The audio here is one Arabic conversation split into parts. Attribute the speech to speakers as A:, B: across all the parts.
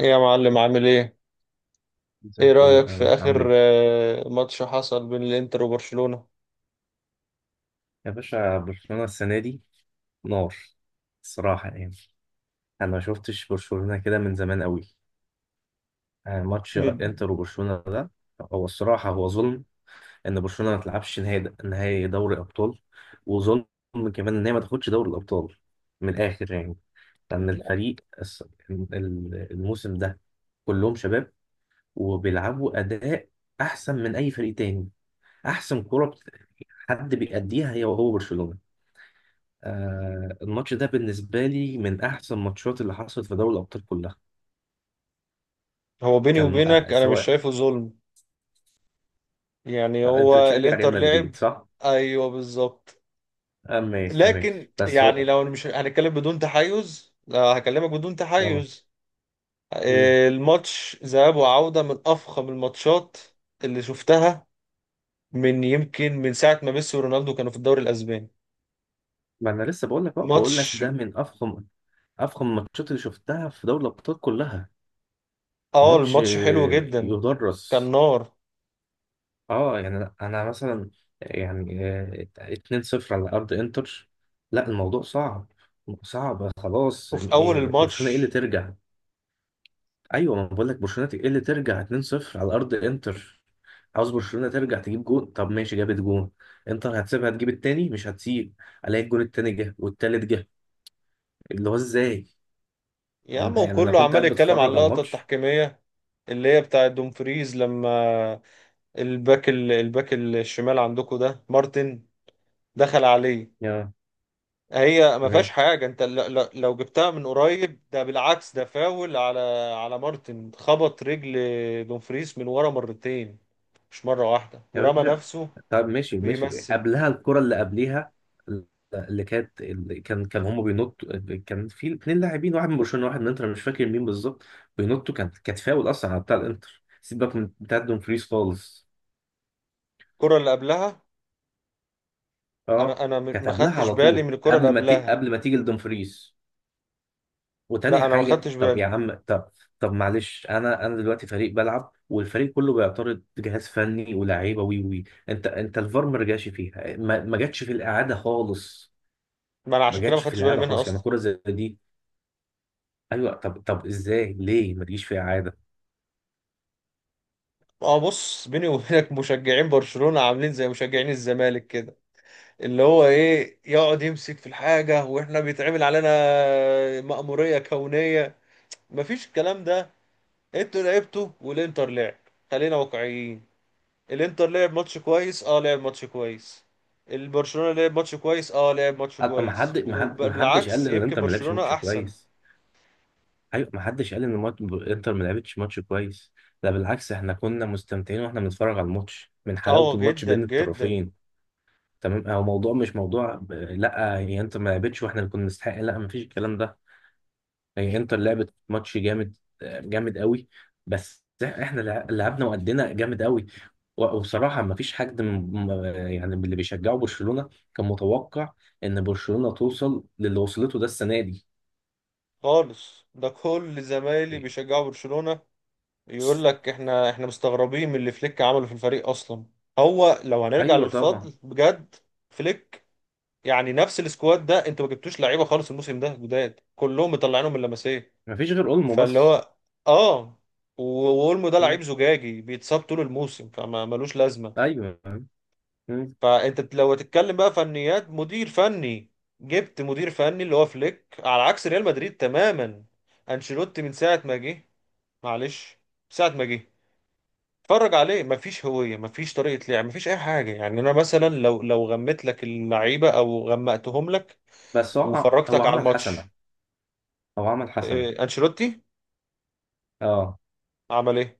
A: ايه يا معلم، عامل ايه؟
B: زي
A: ايه
B: الفل
A: رأيك
B: تمام.
A: في
B: انت عامل
A: آخر
B: ايه؟
A: ماتش حصل بين الانتر وبرشلونة؟
B: يا باشا، برشلونة السنة دي نار الصراحة يعني. أنا ما شفتش برشلونة كده من زمان قوي. يعني ماتش
A: بد-
B: إنتر وبرشلونة ده، هو الصراحة هو ظلم إن برشلونة ما تلعبش نهائي دوري أبطال. وظلم كمان إن هي ما تاخدش دوري الأبطال من الآخر يعني. لأن الموسم ده كلهم شباب، وبيلعبوا أداء أحسن من أي فريق تاني. أحسن كرة حد بيأديها هي وهو برشلونة. آه الماتش ده بالنسبة لي من أحسن الماتشات اللي حصلت في دوري الأبطال كلها.
A: هو بيني
B: كان
A: وبينك انا مش
B: سواء.
A: شايفه ظلم. يعني
B: أنت
A: هو
B: بتشجع ريال
A: الانتر لعب.
B: مدريد صح؟
A: ايوه بالظبط.
B: آه ماشي تمام.
A: لكن
B: بس
A: يعني
B: هو
A: لو مش هنتكلم بدون تحيز، لا هكلمك بدون
B: اه
A: تحيز.
B: مم.
A: الماتش ذهاب وعودة من افخم الماتشات اللي شفتها، من يمكن من ساعة ما ميسي ورونالدو كانوا في الدوري الاسباني.
B: ما أنا لسه بقول لك بقى بقول لك
A: ماتش.
B: ده من أفخم أفخم الماتشات اللي شفتها في دوري الأبطال كلها.
A: اه
B: ماتش،
A: الماتش حلو جدا، كان
B: يدرس.
A: نار.
B: اه يعني أنا مثلا، يعني 2-0 على أرض إنتر. لا الموضوع صعب. صعب خلاص.
A: وفي اول
B: إيه، برشلونة إيه اللي
A: الماتش،
B: ترجع؟ ايوه ما بقول لك، برشلونه ايه اللي ترجع 2-0 على ارض انتر؟ عاوز برشلونه ترجع تجيب جون، طب ماشي جابت جون، انتر هتسيبها تجيب التاني؟ مش هتسيب. الاقي الجون التاني جه والتالت جه. اللي هو ازاي؟
A: يا عم
B: يعني انا
A: وكله
B: كنت
A: عمال
B: قاعد
A: يتكلم على
B: بتفرج على
A: اللقطه
B: الماتش.
A: التحكيميه اللي هي بتاعه دومفريز، لما الباك الباك الشمال عندكم ده مارتن دخل عليه.
B: يا
A: هي ما فيهاش
B: تمام
A: حاجه، انت لو جبتها من قريب ده بالعكس، ده فاول على على مارتن. خبط رجل دومفريز من ورا مرتين، مش مره واحده،
B: يا
A: ورمى
B: باشا.
A: نفسه
B: طب ماشي ماشي،
A: بيمثل.
B: قبلها الكره اللي قبليها، اللي كان هم بينطوا. كان في اتنين لاعبين، واحد من برشلونه واحد من انتر، أنا مش فاكر مين بالظبط. بينطوا، كانت فاول اصلا على بتاع الانتر، سيبك من بتاع دومفريز خالص.
A: الكره اللي قبلها، انا
B: اه
A: انا
B: كانت
A: ما
B: قبلها
A: خدتش
B: على
A: بالي
B: طول،
A: من الكره اللي
B: قبل ما
A: قبلها.
B: قبل ما تيجي لدومفريز. وتاني
A: لا انا ما
B: حاجه،
A: خدتش
B: طب
A: بالي.
B: يا عم، طب، طب معلش، انا دلوقتي فريق بلعب والفريق كله بيعترض، جهاز فني ولاعيبه وي وي انت الفار ما رجعش فيها، ما جاتش في الاعاده خالص.
A: ما انا
B: ما
A: عشان كده ما
B: جاتش في
A: خدتش بالي
B: الاعاده
A: منها
B: خالص يعني
A: اصلا.
B: كره زي دي. ايوه طب ازاي ليه ما تجيش في اعاده؟
A: اه بص، بيني وبينك مشجعين برشلونة عاملين زي مشجعين الزمالك كده، اللي هو ايه، يقعد يمسك في الحاجة واحنا بيتعمل علينا مأمورية كونية. مفيش الكلام ده. انتوا لعبتوا والانتر لعب. خلينا واقعيين، الانتر لعب ماتش كويس، اه لعب ماتش كويس. البرشلونة لعب ماتش كويس، اه لعب ماتش
B: ما
A: كويس،
B: حد ما حد ما حدش
A: وبالعكس
B: قال ان
A: يمكن
B: انت ما لعبش ماتش
A: برشلونة احسن.
B: كويس. ايوه ما حدش قال ان الماتش، انتر ما لعبتش ماتش كويس. لا بالعكس، احنا كنا مستمتعين واحنا بنتفرج على الماتش من حلاوه
A: اه
B: الماتش
A: جدا
B: بين
A: جدا.
B: الطرفين. تمام، هو موضوع مش موضوع لا هي انتر ما لعبتش واحنا اللي كنا نستحق، لا ما فيش الكلام ده. هي انتر لعبت ماتش جامد. جامد قوي. بس احنا لعبنا وادينا جامد قوي. وبصراحه ما فيش حد من، م- يعني من اللي بيشجعوا برشلونه، كان متوقع ان برشلونه توصل للي وصلته ده السنه دي.
A: خالص، ده كل زمايلي بيشجعوا برشلونة يقول لك احنا مستغربين من اللي فليك عمله في الفريق اصلا. هو لو هنرجع
B: ايوه طبعا.
A: للفضل بجد، فليك. يعني نفس السكواد ده، انتوا ما جبتوش لعيبه خالص الموسم ده جداد، كلهم مطلعينهم من لمسيه.
B: ما فيش غير اولمو
A: فاللي
B: بس.
A: هو، اه. واولمو ده
B: مم.
A: لعيب زجاجي بيتصاب طول الموسم، فما ملوش لازمه.
B: ايوه. مم.
A: فانت لو هتتكلم بقى فنيات مدير فني، جبت مدير فني اللي هو فليك، على عكس ريال مدريد تماما. انشيلوتي من ساعه ما جه، معلش، ساعه ما جه اتفرج عليه، مفيش هوية، مفيش طريقة لعب، مفيش أي حاجة. يعني أنا مثلا لو غميت لك اللعيبة أو غمقتهم لك
B: بس هو
A: وفرجتك على
B: عمل حسنه.
A: الماتش،
B: هو عمل حسنه.
A: أنشيلوتي
B: اه
A: عمل إيه؟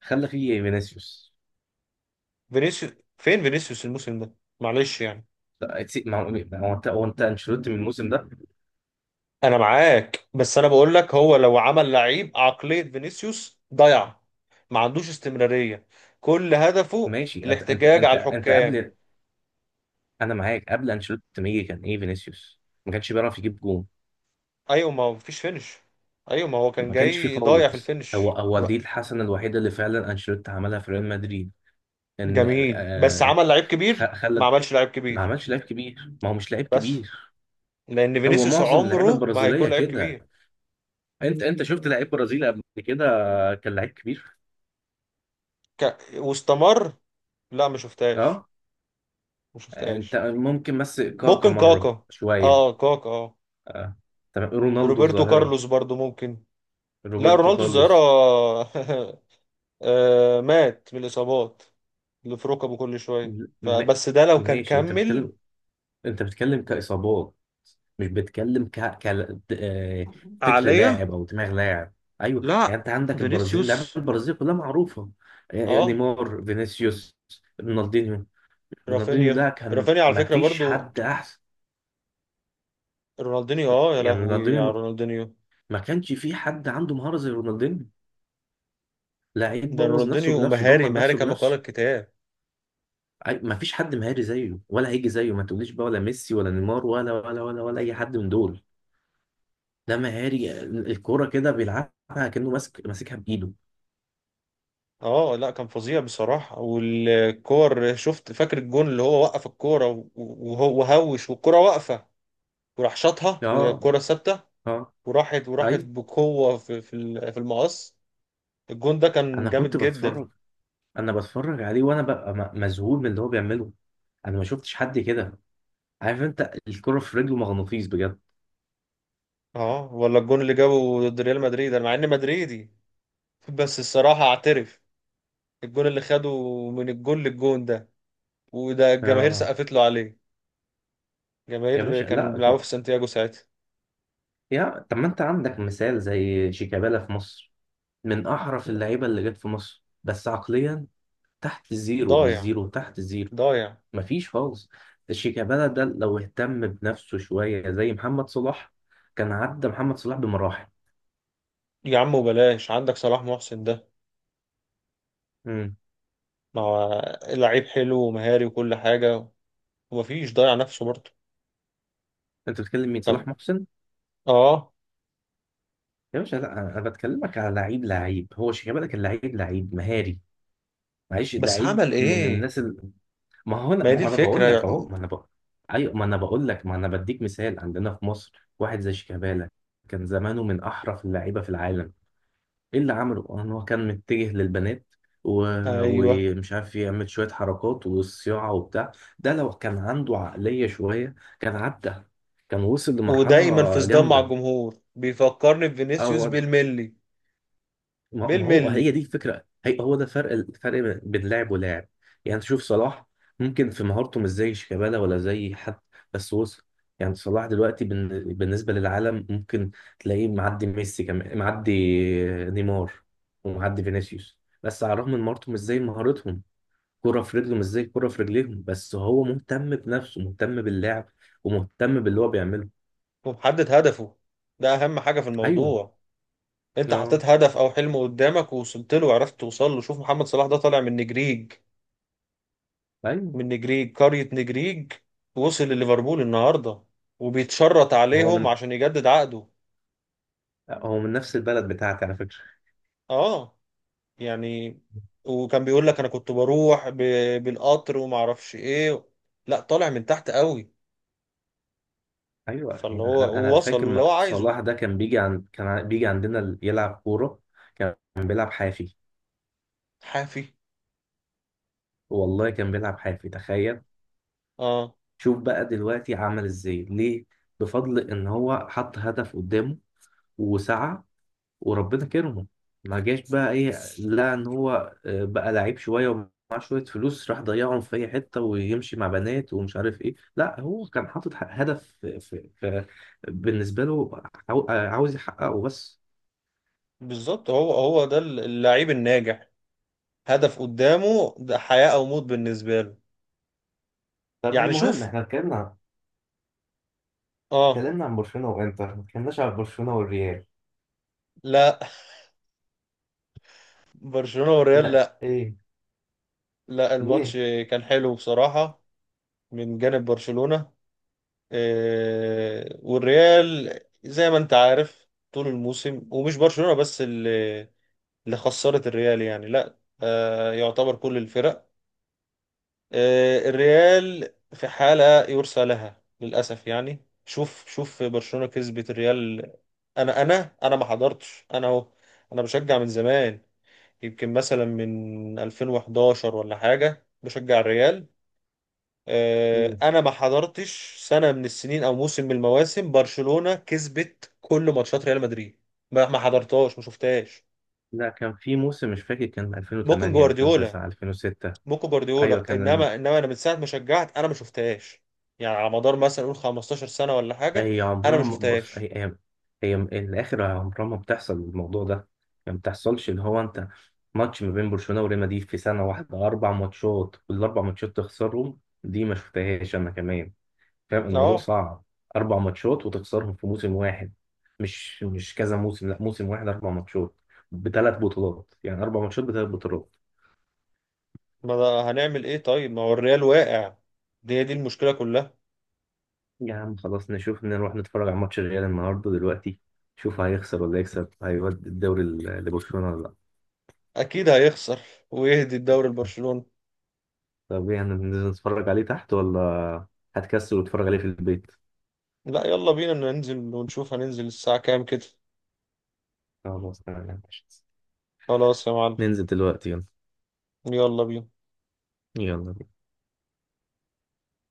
B: خلى فيه فينيسيوس.
A: فينيسيوس. فين فينيسيوس الموسم ده؟ معلش يعني.
B: لا، ما هو انت، هو انت انشيلوتي من الموسم ده.
A: أنا معاك، بس أنا بقول لك هو لو عمل لعيب عقلية فينيسيوس ضيع. ما عندوش استمرارية، كل هدفه
B: ماشي، انت انت
A: الاحتجاج
B: انت
A: على
B: انت
A: الحكام.
B: قبل، انا معاك، قبل انشيلوتي ما يجي كان ايه فينيسيوس؟ ما كانش بيعرف يجيب جون.
A: أيوة ما هو مفيش فينش. أيوة ما هو كان
B: ما كانش فيه
A: جاي ضايع في
B: خالص. هو
A: الفينش.
B: هو دي الحسنه الوحيده اللي فعلا انشيلوتي عملها في ريال مدريد. ان
A: جميل، بس
B: آه
A: عمل لعيب كبير، ما
B: خلى.
A: عملش لعيب
B: ما
A: كبير.
B: عملش لعيب كبير. ما هو مش لعيب
A: بس
B: كبير.
A: لان
B: هو
A: فينيسيوس
B: معظم اللعيبه
A: عمره ما
B: البرازيليه
A: هيكون لعيب
B: كده.
A: كبير.
B: انت شفت لعيب برازيلي قبل كده كان لعيب كبير؟
A: واستمر. لا ما شفتهاش.
B: اه
A: ما
B: انت
A: شفتهاش.
B: ممكن بس كاكا
A: ممكن
B: مره
A: كاكا.
B: شويه.
A: اه كاكا اه.
B: اه تمام، رونالدو
A: روبرتو
B: الظاهره،
A: كارلوس برضو ممكن. لا
B: روبرتو
A: رونالدو الظاهرة.
B: كارلوس.
A: مات من الإصابات اللي في ركبه كل شوية،
B: م...
A: فبس ده لو كان
B: ماشي، انت
A: كمل
B: بتتكلم، انت بتتكلم كاصابات، مش بتتكلم ك... ك... آه، فكر
A: عليا.
B: لاعب او دماغ لاعب. ايوه يعني
A: لا
B: انت عندك البرازيل، لعيبه
A: فينيسيوس
B: البرازيل كلها معروفه.
A: اه.
B: نيمار، فينيسيوس، رونالدينيو. رونالدينيو
A: رافينيا،
B: ده كان
A: رافينيا على
B: ما
A: فكرة
B: فيش
A: برضو،
B: حد احسن.
A: رونالدينيو. اه يا
B: يعني
A: لهوي على
B: رونالدينيو
A: رونالدينيو.
B: ما كانش في حد عنده مهارة زي رونالدينيو. لعيب
A: ده
B: بوظ نفسه
A: رونالدينيو،
B: بنفسه،
A: ومهاري
B: دمر
A: مهاري
B: نفسه
A: كما قال
B: بنفسه.
A: الكتاب.
B: ما فيش حد مهاري زيه ولا هيجي زيه. ما تقوليش بقى ولا ميسي ولا نيمار ولا اي حد من دول. ده مهاري، الكوره كده بيلعبها كأنه ماسكها بايده.
A: اه لا كان فظيع بصراحة. والكور، شفت فاكر الجون اللي هو وقف الكورة وهو وهوش والكورة واقفة، وراح شاطها وهي
B: اه،
A: الكورة ثابتة،
B: اه،
A: وراحت وراحت
B: اي،
A: بقوة في في المقص. الجون ده كان
B: انا
A: جامد
B: كنت
A: جدا.
B: بتفرج. انا بتفرج عليه وانا ببقى مذهول من اللي هو بيعمله. انا ما شفتش حد كده. عارف، انت الكرة في رجله مغناطيس بجد.
A: اه ولا الجون اللي جابه ضد ريال مدريد، انا مع اني مدريدي بس الصراحة اعترف، الجون اللي خده من الجون للجون ده، وده الجماهير
B: اه
A: سقفت له عليه،
B: يا
A: جماهير
B: باشا
A: كانوا
B: لا،
A: بيلعبوا في سانتياغو ساعتها.
B: يا طب ما انت عندك مثال زي شيكابالا في مصر. من احرف اللعيبه اللي جت في مصر، بس عقليا تحت الزيرو، مش
A: ضايع،
B: زيرو، تحت الزيرو.
A: ضايع.
B: مفيش خالص. شيكابالا ده لو اهتم بنفسه شويه زي محمد صلاح، كان عدى محمد صلاح بمراحل.
A: يا عم وبلاش عندك صلاح محسن ده.
B: امم
A: ما هو لعيب حلو ومهاري وكل حاجة، ومفيش ضايع نفسه برضه.
B: انت بتتكلم مين؟
A: كم.
B: صلاح محسن؟
A: اه.
B: يا باشا لا، انا بتكلمك على لعيب. لعيب، هو شيكابالا، كان لعيب، لعيب مهاري. معلش،
A: بس
B: لعيب
A: عمل
B: من
A: ايه؟
B: الناس ما هو انا
A: ما هي
B: ما
A: دي
B: هو انا بقول لك
A: الفكرة.
B: اهو، ما انا بقول. ايوه ما انا بقول لك، ما انا بديك مثال عندنا في مصر واحد زي شيكابالا، كان زمانه من احرف اللعيبه في العالم. ايه اللي عمله ان هو كان متجه للبنات و...
A: ايوه.
B: ومش عارف، يعمل شوية حركات وصياعة وبتاع. ده لو كان عنده عقلية شوية، كان عدى، كان وصل
A: ودايما في
B: لمرحلة
A: صدام مع
B: جامدة.
A: الجمهور، بيفكرني
B: اه
A: بفينيسيوس
B: هو،
A: بالملي.
B: ما هو هي
A: بالملي.
B: دي الفكره، هي هو ده الفرق بين لاعب ولاعب. يعني انت شوف صلاح، ممكن في مهارته مش زي شيكابالا ولا زي حد، بس وصل. يعني صلاح دلوقتي بالنسبه للعالم، ممكن تلاقيه معدي ميسي، كمان معدي نيمار، ومعدي فينيسيوس، بس على الرغم من مهارته مش زي مهارتهم، كرة في رجله مش زي كرة في رجليهم، بس هو مهتم بنفسه، مهتم باللعب، ومهتم باللي هو بيعمله.
A: ومحدد هدفه، ده اهم حاجة في
B: ايوه.
A: الموضوع. انت
B: اه.
A: حطيت هدف او حلم قدامك، ووصلت له وعرفت توصل له. شوف محمد صلاح ده، طالع من نجريج،
B: ايوه.
A: من نجريج، قرية نجريج. وصل لليفربول النهارده، وبيتشرط
B: هو
A: عليهم
B: من،
A: عشان يجدد عقده.
B: هو من نفس البلد بتاعتي على فكرة.
A: اه يعني. وكان بيقول لك انا كنت بروح بالقطر وما اعرفش ايه. لا طالع من تحت قوي.
B: ايوه
A: فاللي
B: يعني انا
A: هو وصل
B: فاكر،
A: اللي هو عايزه.
B: صلاح ده كان بيجي عند، كان بيجي عندنا يلعب كوره. كان بيلعب حافي.
A: حافي.
B: والله كان بيلعب حافي تخيل.
A: اه.
B: شوف بقى دلوقتي عمل ازاي ليه. بفضل ان هو حط هدف قدامه وسعى، وربنا كرمه. ما جاش بقى ايه، لا ان هو بقى لعيب شويه ومعاه شويه فلوس، راح ضيعهم في اي حته ويمشي مع بنات ومش عارف ايه. لا، هو كان حاطط هدف بالنسبه له، عاوز يحققه بس.
A: بالظبط، هو هو ده اللعيب الناجح. هدف قدامه، ده حياة او موت بالنسبة له.
B: طب
A: يعني
B: المهم
A: شوف.
B: احنا اتكلمنا،
A: اه.
B: اتكلمنا عن برشلونة وانتر، ما اتكلمناش عن برشلونة والريال.
A: لا برشلونة والريال
B: لا
A: لا.
B: ايه،
A: لا الماتش
B: ليه؟
A: كان حلو بصراحة، من جانب برشلونة. والريال زي ما انت عارف طول الموسم، ومش برشلونة بس اللي اللي خسرت الريال يعني، لا يعتبر كل الفرق، الريال في حالة يرثى لها للأسف. يعني شوف، شوف برشلونة كسبت الريال، انا ما حضرتش انا اهو. انا بشجع من زمان، يمكن مثلا من 2011 ولا حاجة بشجع الريال،
B: مم.
A: انا ما حضرتش سنه من السنين او موسم من المواسم برشلونه كسبت كل ماتشات ريال مدريد. ما حضرتهاش، ما شفتهاش.
B: لا كان في موسم مش فاكر، كان
A: ممكن
B: 2008
A: جوارديولا.
B: 2009 2006.
A: ممكن
B: ايوه
A: جوارديولا،
B: كان
A: انما انا من ساعه ما شجعت انا ما شفتهاش. يعني على مدار مثلا قول 15 سنه ولا حاجه،
B: هي
A: انا
B: عمرها
A: ما
B: بص، هي
A: شفتهاش.
B: هي, هي الاخر عمرها ما بتحصل، الموضوع ده يعني ما بتحصلش. اللي هو انت، ماتش ما بين برشلونة وريال مدريد في سنة واحدة، اربع ماتشات والاربع ماتشات تخسرهم، دي ما شفتهاش انا كمان. فاهم؟ الموضوع
A: اه.
B: صعب. اربع ماتشات وتخسرهم في موسم واحد، مش كذا موسم، لا موسم واحد اربع ماتشات بثلاث بطولات. يعني اربع ماتشات بثلاث بطولات.
A: ما ده هنعمل ايه طيب، ما هو الريال واقع، دي المشكله كلها.
B: يا عم خلاص، نشوف نروح نتفرج على ماتش الريال النهارده دلوقتي. شوف هيخسر ولا يكسب، هيودي الدوري لبرشلونه ولا لا.
A: اكيد هيخسر ويهدي الدوري لبرشلونه.
B: طب ايه، هننزل نتفرج عليه تحت ولا هتكسل وتتفرج عليه في البيت؟
A: لا يلا بينا ننزل ونشوف، هننزل الساعه كام كده؟
B: خلاص تمام يا باشا.
A: خلاص يا معلم.
B: ننزل دلوقتي يلا.
A: يلا بينا.
B: يلا